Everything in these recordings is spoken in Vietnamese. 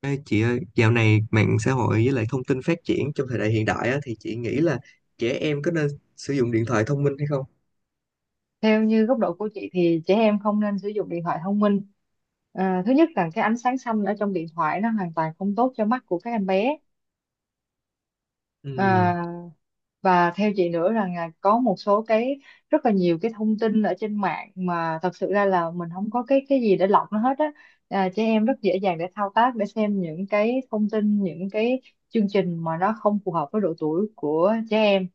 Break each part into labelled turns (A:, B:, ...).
A: Ê, chị ơi, dạo này mạng xã hội với lại thông tin phát triển trong thời đại hiện đại á, thì chị nghĩ là trẻ em có nên sử dụng điện thoại thông minh hay không?
B: Theo như góc độ của chị thì trẻ em không nên sử dụng điện thoại thông minh. Thứ nhất là cái ánh sáng xanh ở trong điện thoại nó hoàn toàn không tốt cho mắt của các em bé.
A: Ừ.
B: à, và theo chị nữa rằng là có một số cái rất là nhiều cái thông tin ở trên mạng mà thật sự ra là mình không có cái gì để lọc nó hết á. Trẻ em rất dễ dàng để thao tác để xem những cái thông tin, những cái chương trình mà nó không phù hợp với độ tuổi của trẻ em.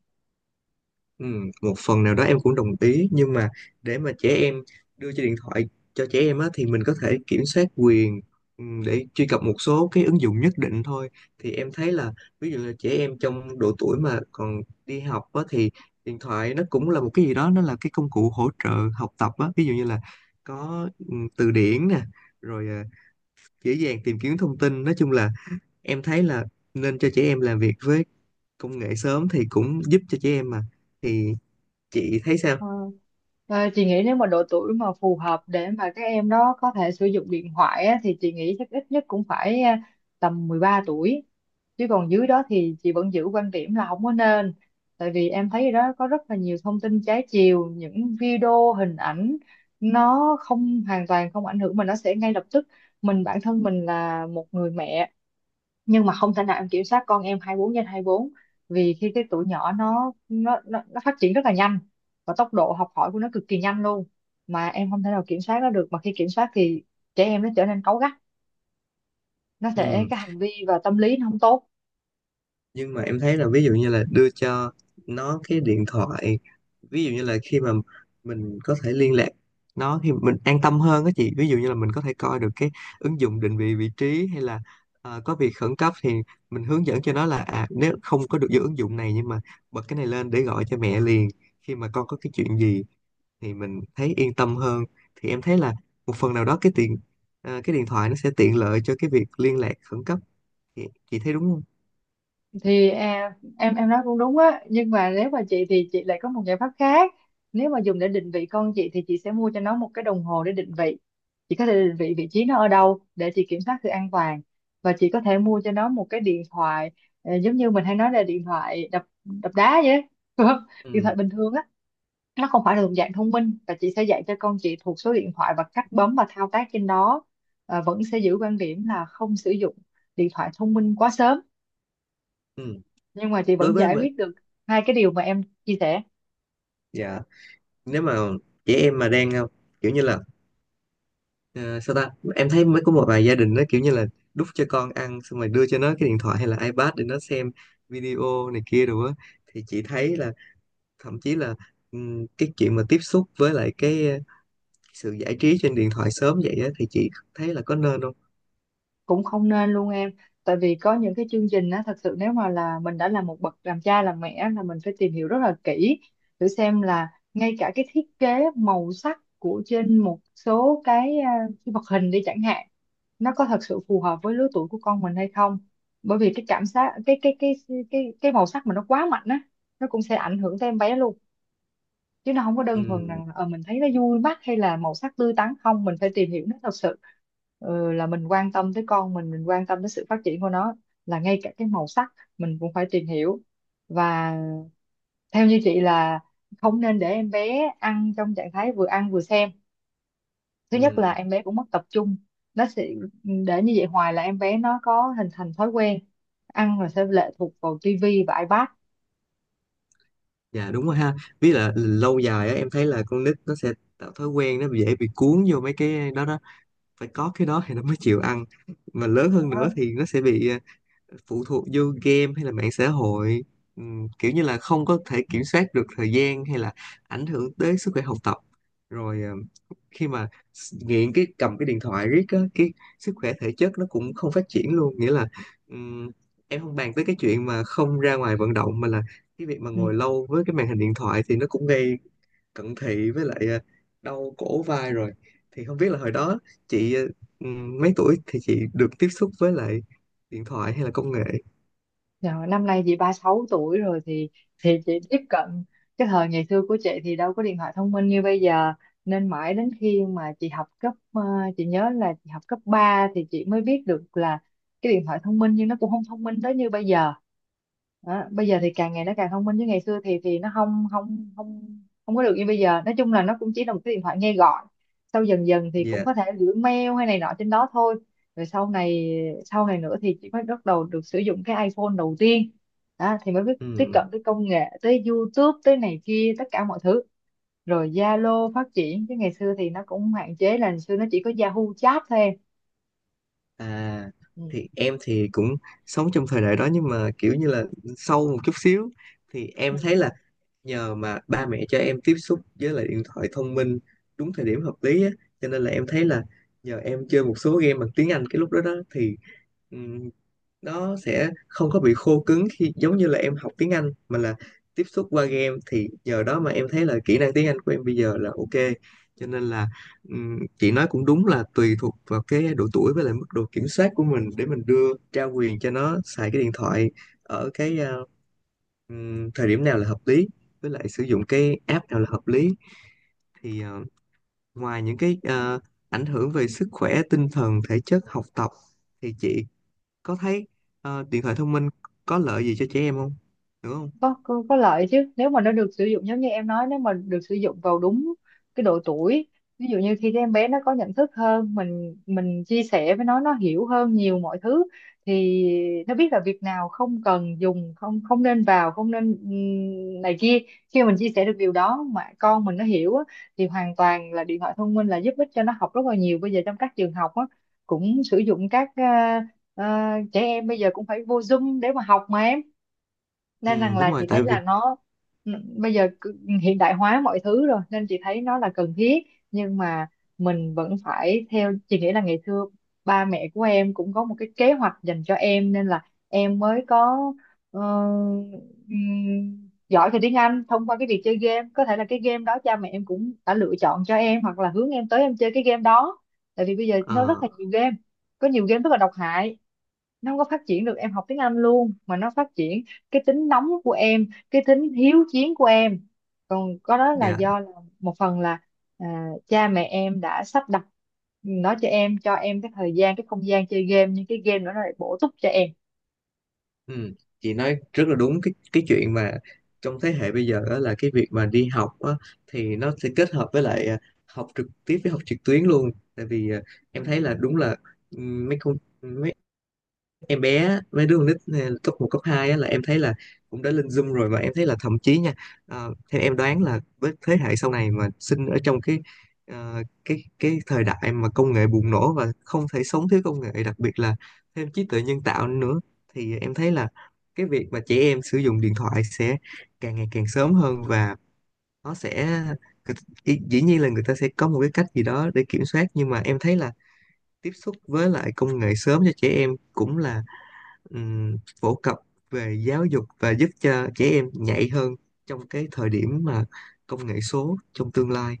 A: Ừ, một phần nào đó em cũng đồng ý, nhưng mà để mà trẻ em đưa cho điện thoại cho trẻ em á, thì mình có thể kiểm soát quyền, để truy cập một số cái ứng dụng nhất định thôi. Thì em thấy là ví dụ là trẻ em trong độ tuổi mà còn đi học á, thì điện thoại nó cũng là một cái gì đó, nó là cái công cụ hỗ trợ học tập á. Ví dụ như là có từ điển nè, rồi dễ dàng tìm kiếm thông tin, nói chung là em thấy là nên cho trẻ em làm việc với công nghệ sớm thì cũng giúp cho trẻ em mà. Thì chị thấy sao?
B: À, chị nghĩ nếu mà độ tuổi mà phù hợp để mà các em đó có thể sử dụng điện thoại á, thì chị nghĩ chắc ít nhất cũng phải tầm 13 tuổi. Chứ còn dưới đó thì chị vẫn giữ quan điểm là không có nên. Tại vì em thấy đó có rất là nhiều thông tin trái chiều, những video, hình ảnh nó không hoàn toàn không ảnh hưởng mà nó sẽ ngay lập tức. Mình, bản thân mình là một người mẹ nhưng mà không thể nào em kiểm soát con em 24 trên 24. Vì khi cái tuổi nhỏ nó phát triển rất là nhanh và tốc độ học hỏi của nó cực kỳ nhanh luôn, mà em không thể nào kiểm soát nó được. Mà khi kiểm soát thì trẻ em nó trở nên cáu gắt, nó sẽ
A: ừ.
B: cái hành vi và tâm lý nó không tốt.
A: Nhưng mà em thấy là ví dụ như là đưa cho nó cái điện thoại, ví dụ như là khi mà mình có thể liên lạc nó thì mình an tâm hơn á chị. Ví dụ như là mình có thể coi được cái ứng dụng định vị vị trí, hay là có việc khẩn cấp thì mình hướng dẫn cho nó là à, nếu không có được vô ứng dụng này, nhưng mà bật cái này lên để gọi cho mẹ liền khi mà con có cái chuyện gì, thì mình thấy yên tâm hơn. Thì em thấy là một phần nào đó cái tiện, cái điện thoại nó sẽ tiện lợi cho cái việc liên lạc khẩn cấp. chị, chị thấy đúng không?
B: Thì em nói cũng đúng á, nhưng mà nếu mà chị thì chị lại có một giải pháp khác. Nếu mà dùng để định vị con chị thì chị sẽ mua cho nó một cái đồng hồ để định vị, chị có thể định vị vị trí nó ở đâu để chị kiểm soát sự an toàn. Và chị có thể mua cho nó một cái điện thoại giống như mình hay nói là điện thoại đập đập đá vậy á, đúng không? Điện thoại
A: Ừ,
B: bình thường á, nó không phải là thuộc dạng thông minh, và chị sẽ dạy cho con chị thuộc số điện thoại và cách bấm và thao tác trên đó. Ờ, vẫn sẽ giữ quan điểm là không sử dụng điện thoại thông minh quá sớm,
A: ừ.
B: nhưng mà chị
A: Đối
B: vẫn
A: với
B: giải
A: mà
B: quyết được hai cái điều mà em chia sẻ.
A: dạ, nếu mà chị em mà đang kiểu như là ờ, sao ta, em thấy mới có một vài gia đình nó kiểu như là đút cho con ăn xong rồi đưa cho nó cái điện thoại hay là iPad để nó xem video này kia rồi á, thì chị thấy là, thậm chí là cái chuyện mà tiếp xúc với lại cái sự giải trí trên điện thoại sớm vậy á thì chị thấy là có nên không?
B: Cũng không nên luôn em, tại vì có những cái chương trình á, thật sự nếu mà là mình đã là một bậc làm cha làm mẹ là mình phải tìm hiểu rất là kỹ, thử xem là ngay cả cái thiết kế màu sắc của trên một số cái vật hình đi chẳng hạn, nó có thật sự phù hợp với lứa tuổi của con mình hay không. Bởi vì cái cảm giác cái màu sắc mà nó quá mạnh á, nó cũng sẽ ảnh hưởng tới em bé luôn, chứ nó không có đơn thuần
A: Ừ,
B: rằng mình thấy nó vui mắt hay là màu sắc tươi tắn không, mình phải tìm hiểu nó thật sự. Ờ, là mình quan tâm tới con mình quan tâm tới sự phát triển của nó, là ngay cả cái màu sắc mình cũng phải tìm hiểu. Và theo như chị là không nên để em bé ăn trong trạng thái vừa ăn vừa xem. Thứ nhất là
A: ừ.
B: em bé cũng mất tập trung, nó sẽ để như vậy hoài là em bé nó có hình thành thói quen ăn là sẽ lệ thuộc vào tivi và iPad.
A: Dạ đúng rồi ha, với là lâu dài á em thấy là con nít nó sẽ tạo thói quen, nó dễ bị cuốn vô mấy cái đó đó, phải có cái đó thì nó mới chịu ăn, mà lớn hơn nữa
B: Đó.
A: thì nó sẽ bị phụ thuộc vô game hay là mạng xã hội. Kiểu như là không có thể kiểm soát được thời gian, hay là ảnh hưởng tới sức khỏe học tập, rồi khi mà nghiện cái cầm cái điện thoại riết á, cái sức khỏe thể chất nó cũng không phát triển luôn, nghĩa là ừm, em không bàn tới cái chuyện mà không ra ngoài vận động, mà là cái việc mà
B: Ừ.
A: ngồi lâu với cái màn hình điện thoại thì nó cũng gây cận thị với lại đau cổ vai, rồi thì không biết là hồi đó chị mấy tuổi thì chị được tiếp xúc với lại điện thoại hay là công nghệ?
B: Rồi, năm nay chị 36 tuổi rồi, thì chị tiếp cận, cái thời ngày xưa của chị thì đâu có điện thoại thông minh như bây giờ, nên mãi đến khi mà chị học chị nhớ là chị học cấp 3 thì chị mới biết được là cái điện thoại thông minh, nhưng nó cũng không thông minh tới như bây giờ. Đó. Bây giờ thì càng ngày nó càng thông minh, chứ ngày xưa thì nó không không không không có được như bây giờ. Nói chung là nó cũng chỉ là một cái điện thoại nghe gọi, sau dần dần thì cũng
A: Dạ.
B: có thể gửi mail hay này nọ trên đó thôi. Rồi sau này Sau này nữa thì chị mới bắt đầu được sử dụng cái iPhone đầu tiên. Đó, thì mới biết tiếp
A: Ừm,
B: cận tới công nghệ, tới YouTube tới này kia tất cả mọi thứ. Rồi Zalo phát triển, chứ ngày xưa thì nó cũng hạn chế, là ngày xưa nó chỉ có Yahoo chat thôi em.
A: à thì em thì cũng sống trong thời đại đó, nhưng mà kiểu như là sâu một chút xíu thì
B: Ừ.
A: em thấy là nhờ mà ba mẹ cho em tiếp xúc với lại điện thoại thông minh đúng thời điểm hợp lý á, cho nên là em thấy là nhờ em chơi một số game bằng tiếng Anh cái lúc đó đó thì ừ, nó sẽ không có bị khô cứng, khi giống như là em học tiếng Anh mà là tiếp xúc qua game, thì nhờ đó mà em thấy là kỹ năng tiếng Anh của em bây giờ là ok. Cho nên là chị nói cũng đúng là tùy thuộc vào cái độ tuổi với lại mức độ kiểm soát của mình để mình đưa trao quyền cho nó xài cái điện thoại ở cái thời điểm nào là hợp lý, với lại sử dụng cái app nào là hợp lý. Thì ngoài những cái ảnh hưởng về sức khỏe tinh thần thể chất học tập, thì chị có thấy điện thoại thông minh có lợi gì cho trẻ em không, đúng không?
B: Có, có lợi chứ, nếu mà nó được sử dụng giống như em nói, nếu mà được sử dụng vào đúng cái độ tuổi. Ví dụ như khi cái em bé nó có nhận thức hơn, mình chia sẻ với nó hiểu hơn nhiều mọi thứ, thì nó biết là việc nào không cần dùng, không không nên vào, không nên này kia. Khi mà mình chia sẻ được điều đó mà con mình nó hiểu á, thì hoàn toàn là điện thoại thông minh là giúp ích cho nó học rất là nhiều. Bây giờ trong các trường học á, cũng sử dụng trẻ em bây giờ cũng phải vô Zoom để mà học mà em. Nên
A: Ừ
B: rằng
A: đúng
B: là
A: rồi,
B: chị thấy
A: tại vì
B: là nó bây giờ cứ hiện đại hóa mọi thứ rồi, nên chị thấy nó là cần thiết. Nhưng mà mình vẫn phải, theo chị nghĩ là ngày xưa ba mẹ của em cũng có một cái kế hoạch dành cho em, nên là em mới có ờ, giỏi về tiếng Anh thông qua cái việc chơi game. Có thể là cái game đó cha mẹ em cũng đã lựa chọn cho em hoặc là hướng em tới em chơi cái game đó, tại vì bây giờ nó rất
A: ờ,
B: là nhiều game. Có nhiều game rất là độc hại, nó không có phát triển được em học tiếng Anh luôn, mà nó phát triển cái tính nóng của em, cái tính hiếu chiến của em. Còn có đó là
A: dạ.
B: do là một phần là cha mẹ em đã sắp đặt nó cho em, cho em cái thời gian cái không gian chơi game, nhưng cái game đó nó lại bổ túc cho em.
A: Ừ, chị nói rất là đúng. Cái chuyện mà trong thế hệ bây giờ đó là cái việc mà đi học á, thì nó sẽ kết hợp với lại học trực tiếp với học trực tuyến luôn, tại vì em thấy là đúng là mấy em bé mấy đứa con nít này, cấp một cấp 2 á, là em thấy là cũng đã lên Zoom rồi, và em thấy là thậm chí nha theo em đoán là với thế hệ sau này mà sinh ở trong cái cái thời đại mà công nghệ bùng nổ và không thể sống thiếu công nghệ, đặc biệt là thêm trí tuệ nhân tạo nữa, thì em thấy là cái việc mà trẻ em sử dụng điện thoại sẽ càng ngày càng sớm hơn. Và nó sẽ dĩ nhiên là người ta sẽ có một cái cách gì đó để kiểm soát, nhưng mà em thấy là tiếp xúc với lại công nghệ sớm cho trẻ em cũng là phổ cập về giáo dục và giúp cho trẻ em nhạy hơn trong cái thời điểm mà công nghệ số trong tương lai.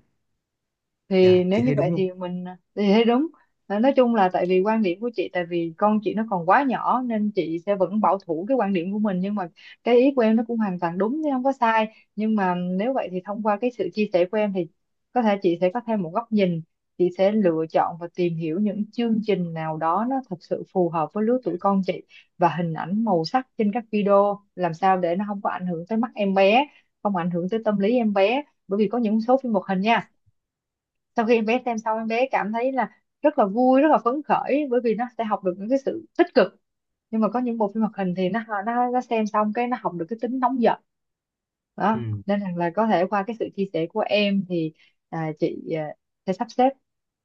A: Dạ
B: Thì nếu
A: chị
B: như
A: thấy đúng
B: vậy
A: không?
B: thì mình thì thấy đúng. À, nói chung là tại vì quan điểm của chị, tại vì con chị nó còn quá nhỏ, nên chị sẽ vẫn bảo thủ cái quan điểm của mình, nhưng mà cái ý của em nó cũng hoàn toàn đúng chứ không có sai. Nhưng mà nếu vậy thì thông qua cái sự chia sẻ của em thì có thể chị sẽ có thêm một góc nhìn, chị sẽ lựa chọn và tìm hiểu những chương trình nào đó nó thật sự phù hợp với lứa tuổi con chị, và hình ảnh màu sắc trên các video làm sao để nó không có ảnh hưởng tới mắt em bé, không ảnh hưởng tới tâm lý em bé. Bởi vì có những số phim hoạt hình nha, sau khi em bé xem xong em bé cảm thấy là rất là vui rất là phấn khởi, bởi vì nó sẽ học được những cái sự tích cực, nhưng mà có những bộ phim hoạt hình thì nó xem xong cái nó học được cái tính nóng giận. Đó,
A: Ừ,
B: nên rằng là có thể qua cái sự chia sẻ của em thì chị sẽ sắp xếp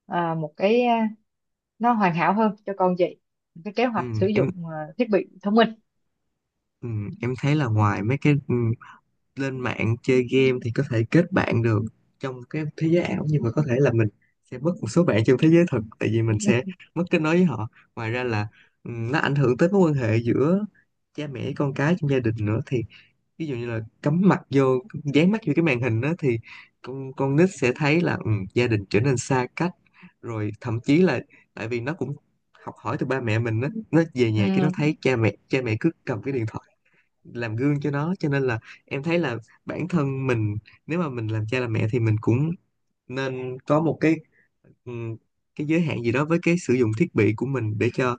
B: một nó hoàn hảo hơn cho con chị. Một cái kế
A: ừ,
B: hoạch sử
A: em
B: dụng thiết bị thông minh.
A: ừ, em thấy là ngoài mấy cái lên mạng chơi game thì có thể kết bạn được trong cái thế giới ảo, nhưng mà có thể là mình sẽ mất một số bạn trong thế giới thực, tại vì mình sẽ mất kết nối với họ. Ngoài ra là nó ảnh hưởng tới mối quan hệ giữa cha mẹ con cái trong gia đình nữa, thì ví dụ như là cắm mặt vô, dán mắt vô cái màn hình đó thì con nít sẽ thấy là ừ, gia đình trở nên xa cách, rồi thậm chí là tại vì nó cũng học hỏi từ ba mẹ mình đó, nó về nhà cái nó
B: Ừ,
A: thấy cha mẹ cứ cầm cái điện thoại, làm gương cho nó, cho nên là em thấy là bản thân mình, nếu mà mình làm cha làm mẹ thì mình cũng nên có một cái ừ, cái giới hạn gì đó với cái sử dụng thiết bị của mình, để cho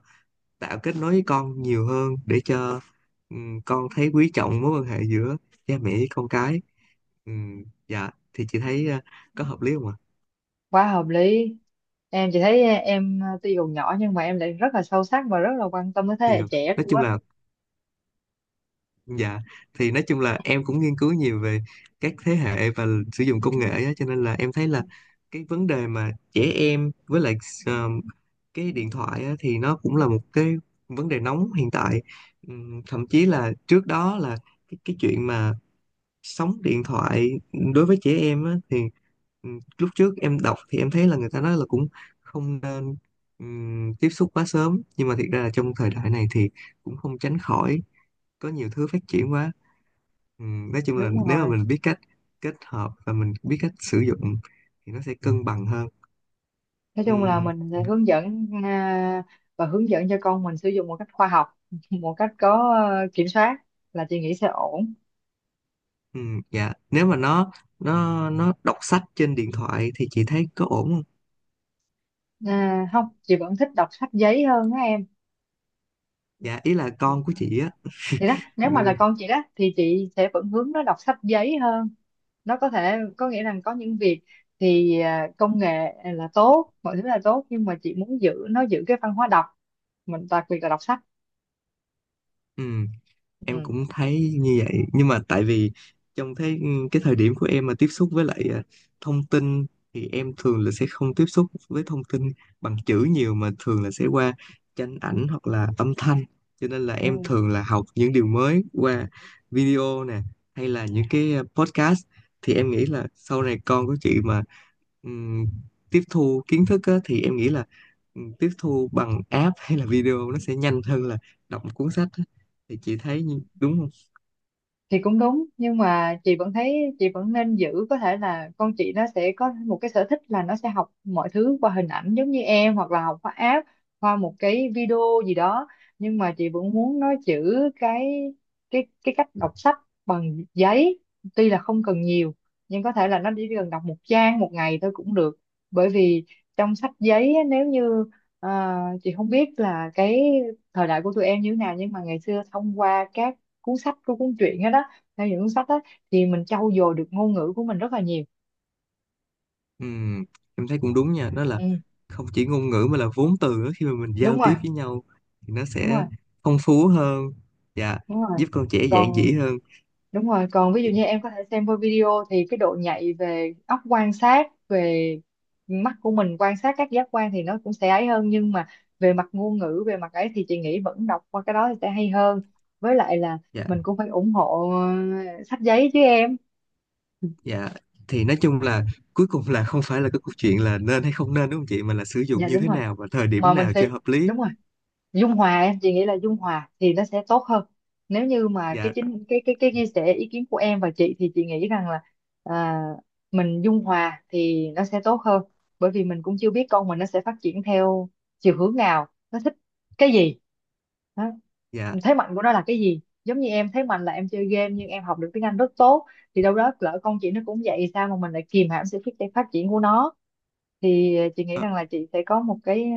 A: tạo kết nối với con nhiều hơn, để cho con thấy quý trọng mối quan hệ giữa cha mẹ với con cái. Dạ thì chị thấy có hợp lý không ạ?
B: quá hợp lý. Em, chị thấy em à, tuy còn nhỏ nhưng mà em lại rất là sâu sắc và rất là quan tâm tới thế
A: Thì
B: hệ trẻ
A: nói
B: luôn
A: chung
B: á.
A: là dạ, thì nói chung là em cũng nghiên cứu nhiều về các thế hệ và sử dụng công nghệ á, cho nên là em thấy là cái vấn đề mà trẻ em với lại ờ, cái điện thoại á, thì nó cũng là một cái vấn đề nóng hiện tại. Thậm chí là trước đó là cái chuyện mà sóng điện thoại đối với trẻ em á, thì ừ, lúc trước em đọc thì em thấy là người ta nói là cũng không nên tiếp xúc quá sớm, nhưng mà thiệt ra là trong thời đại này thì cũng không tránh khỏi, có nhiều thứ phát triển quá. Nói chung là
B: Đúng
A: nếu
B: rồi,
A: mà mình biết cách kết hợp và mình biết cách sử dụng thì nó sẽ cân bằng hơn.
B: nói chung là
A: Ừm,
B: mình sẽ hướng dẫn, và hướng dẫn cho con mình sử dụng một cách khoa học một cách có kiểm soát, là chị nghĩ sẽ ổn.
A: dạ, nếu mà nó đọc sách trên điện thoại thì chị thấy có ổn không?
B: À, không, chị vẫn thích đọc sách giấy hơn á em.
A: Dạ ý là con của chị á.
B: Thì đó, nếu mà
A: Ừm,
B: là con chị đó thì chị sẽ vẫn hướng nó đọc sách giấy hơn. Nó có thể có nghĩa là có những việc thì công nghệ là tốt, mọi thứ là tốt, nhưng mà chị muốn giữ nó, giữ cái văn hóa đọc mình, đặc biệt là đọc sách.
A: ừm. Em cũng thấy như vậy, nhưng mà tại vì trong thế cái thời điểm của em mà tiếp xúc với lại thông tin thì em thường là sẽ không tiếp xúc với thông tin bằng chữ nhiều, mà thường là sẽ qua tranh ảnh hoặc là âm thanh, cho nên là em
B: Ừ.
A: thường là học những điều mới qua video nè, hay là những cái podcast. Thì em nghĩ là sau này con của chị mà ừm, tiếp thu kiến thức á, thì em nghĩ là tiếp thu bằng app hay là video nó sẽ nhanh hơn là đọc một cuốn sách. Thì chị thấy đúng không?
B: Thì cũng đúng, nhưng mà chị vẫn thấy chị vẫn nên giữ. Có thể là con chị nó sẽ có một cái sở thích là nó sẽ học mọi thứ qua hình ảnh giống như em, hoặc là học qua app, qua một cái video gì đó, nhưng mà chị vẫn muốn nó giữ cái cái cách đọc sách bằng giấy. Tuy là không cần nhiều, nhưng có thể là nó chỉ cần đọc một trang một ngày thôi cũng được. Bởi vì trong sách giấy á, nếu như ờ, chị không biết là cái thời đại của tụi em như thế nào, nhưng mà ngày xưa thông qua các cuốn sách của cuốn truyện hết đó, theo những cuốn sách đó thì mình trau dồi được ngôn ngữ của mình rất là nhiều.
A: Ừm, em thấy cũng đúng nha, đó là
B: Ừ,
A: không chỉ ngôn ngữ mà là vốn từ nữa, khi mà mình giao
B: đúng rồi.
A: tiếp với nhau thì nó
B: Đúng
A: sẽ
B: rồi.
A: phong phú hơn và
B: Đúng rồi.
A: giúp con trẻ dạn dĩ
B: Còn,
A: hơn.
B: đúng rồi, còn ví dụ như em có thể xem qua video thì cái độ nhạy về óc quan sát, về mắt của mình quan sát các giác quan, thì nó cũng sẽ ấy hơn, nhưng mà về mặt ngôn ngữ, về mặt ấy thì chị nghĩ vẫn đọc qua cái đó thì sẽ hay hơn. Với lại là
A: Dạ.
B: mình cũng phải ủng hộ sách giấy chứ em.
A: Dạ thì nói chung là cuối cùng là không phải là cái câu chuyện là nên hay không nên, đúng không chị, mà là sử dụng
B: Dạ
A: như
B: đúng
A: thế
B: rồi,
A: nào và thời
B: mà
A: điểm
B: mình
A: nào
B: sẽ,
A: cho hợp lý.
B: đúng rồi, dung hòa em, chị nghĩ là dung hòa thì nó sẽ tốt hơn. Nếu như mà cái
A: Dạ.
B: chính cái chia sẻ ý kiến của em và chị thì chị nghĩ rằng là à, mình dung hòa thì nó sẽ tốt hơn. Bởi vì mình cũng chưa biết con mình nó sẽ phát triển theo chiều hướng nào, nó thích cái gì. Đó.
A: Dạ.
B: Thế mạnh của nó là cái gì, giống như em thế mạnh là em chơi game nhưng em học được tiếng Anh rất tốt. Thì đâu đó lỡ con chị nó cũng vậy, sao mà mình lại kìm hãm sự phát phát triển của nó. Thì chị nghĩ
A: ờ,
B: rằng là chị sẽ có một cái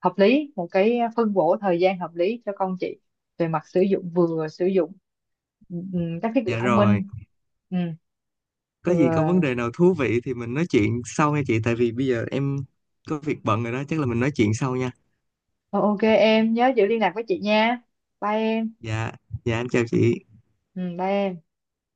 B: hợp lý, một cái phân bổ thời gian hợp lý cho con chị về mặt sử dụng, vừa sử dụng các thiết bị
A: dạ
B: thông
A: rồi,
B: minh. Ừm,
A: có gì có
B: vừa.
A: vấn đề nào thú vị thì mình nói chuyện sau nha chị, tại vì bây giờ em có việc bận rồi đó, chắc là mình nói chuyện sau nha.
B: Ờ, ok em, nhớ giữ liên lạc với chị nha. Bye em.
A: Dạ. Dạ em chào chị.
B: Bye em.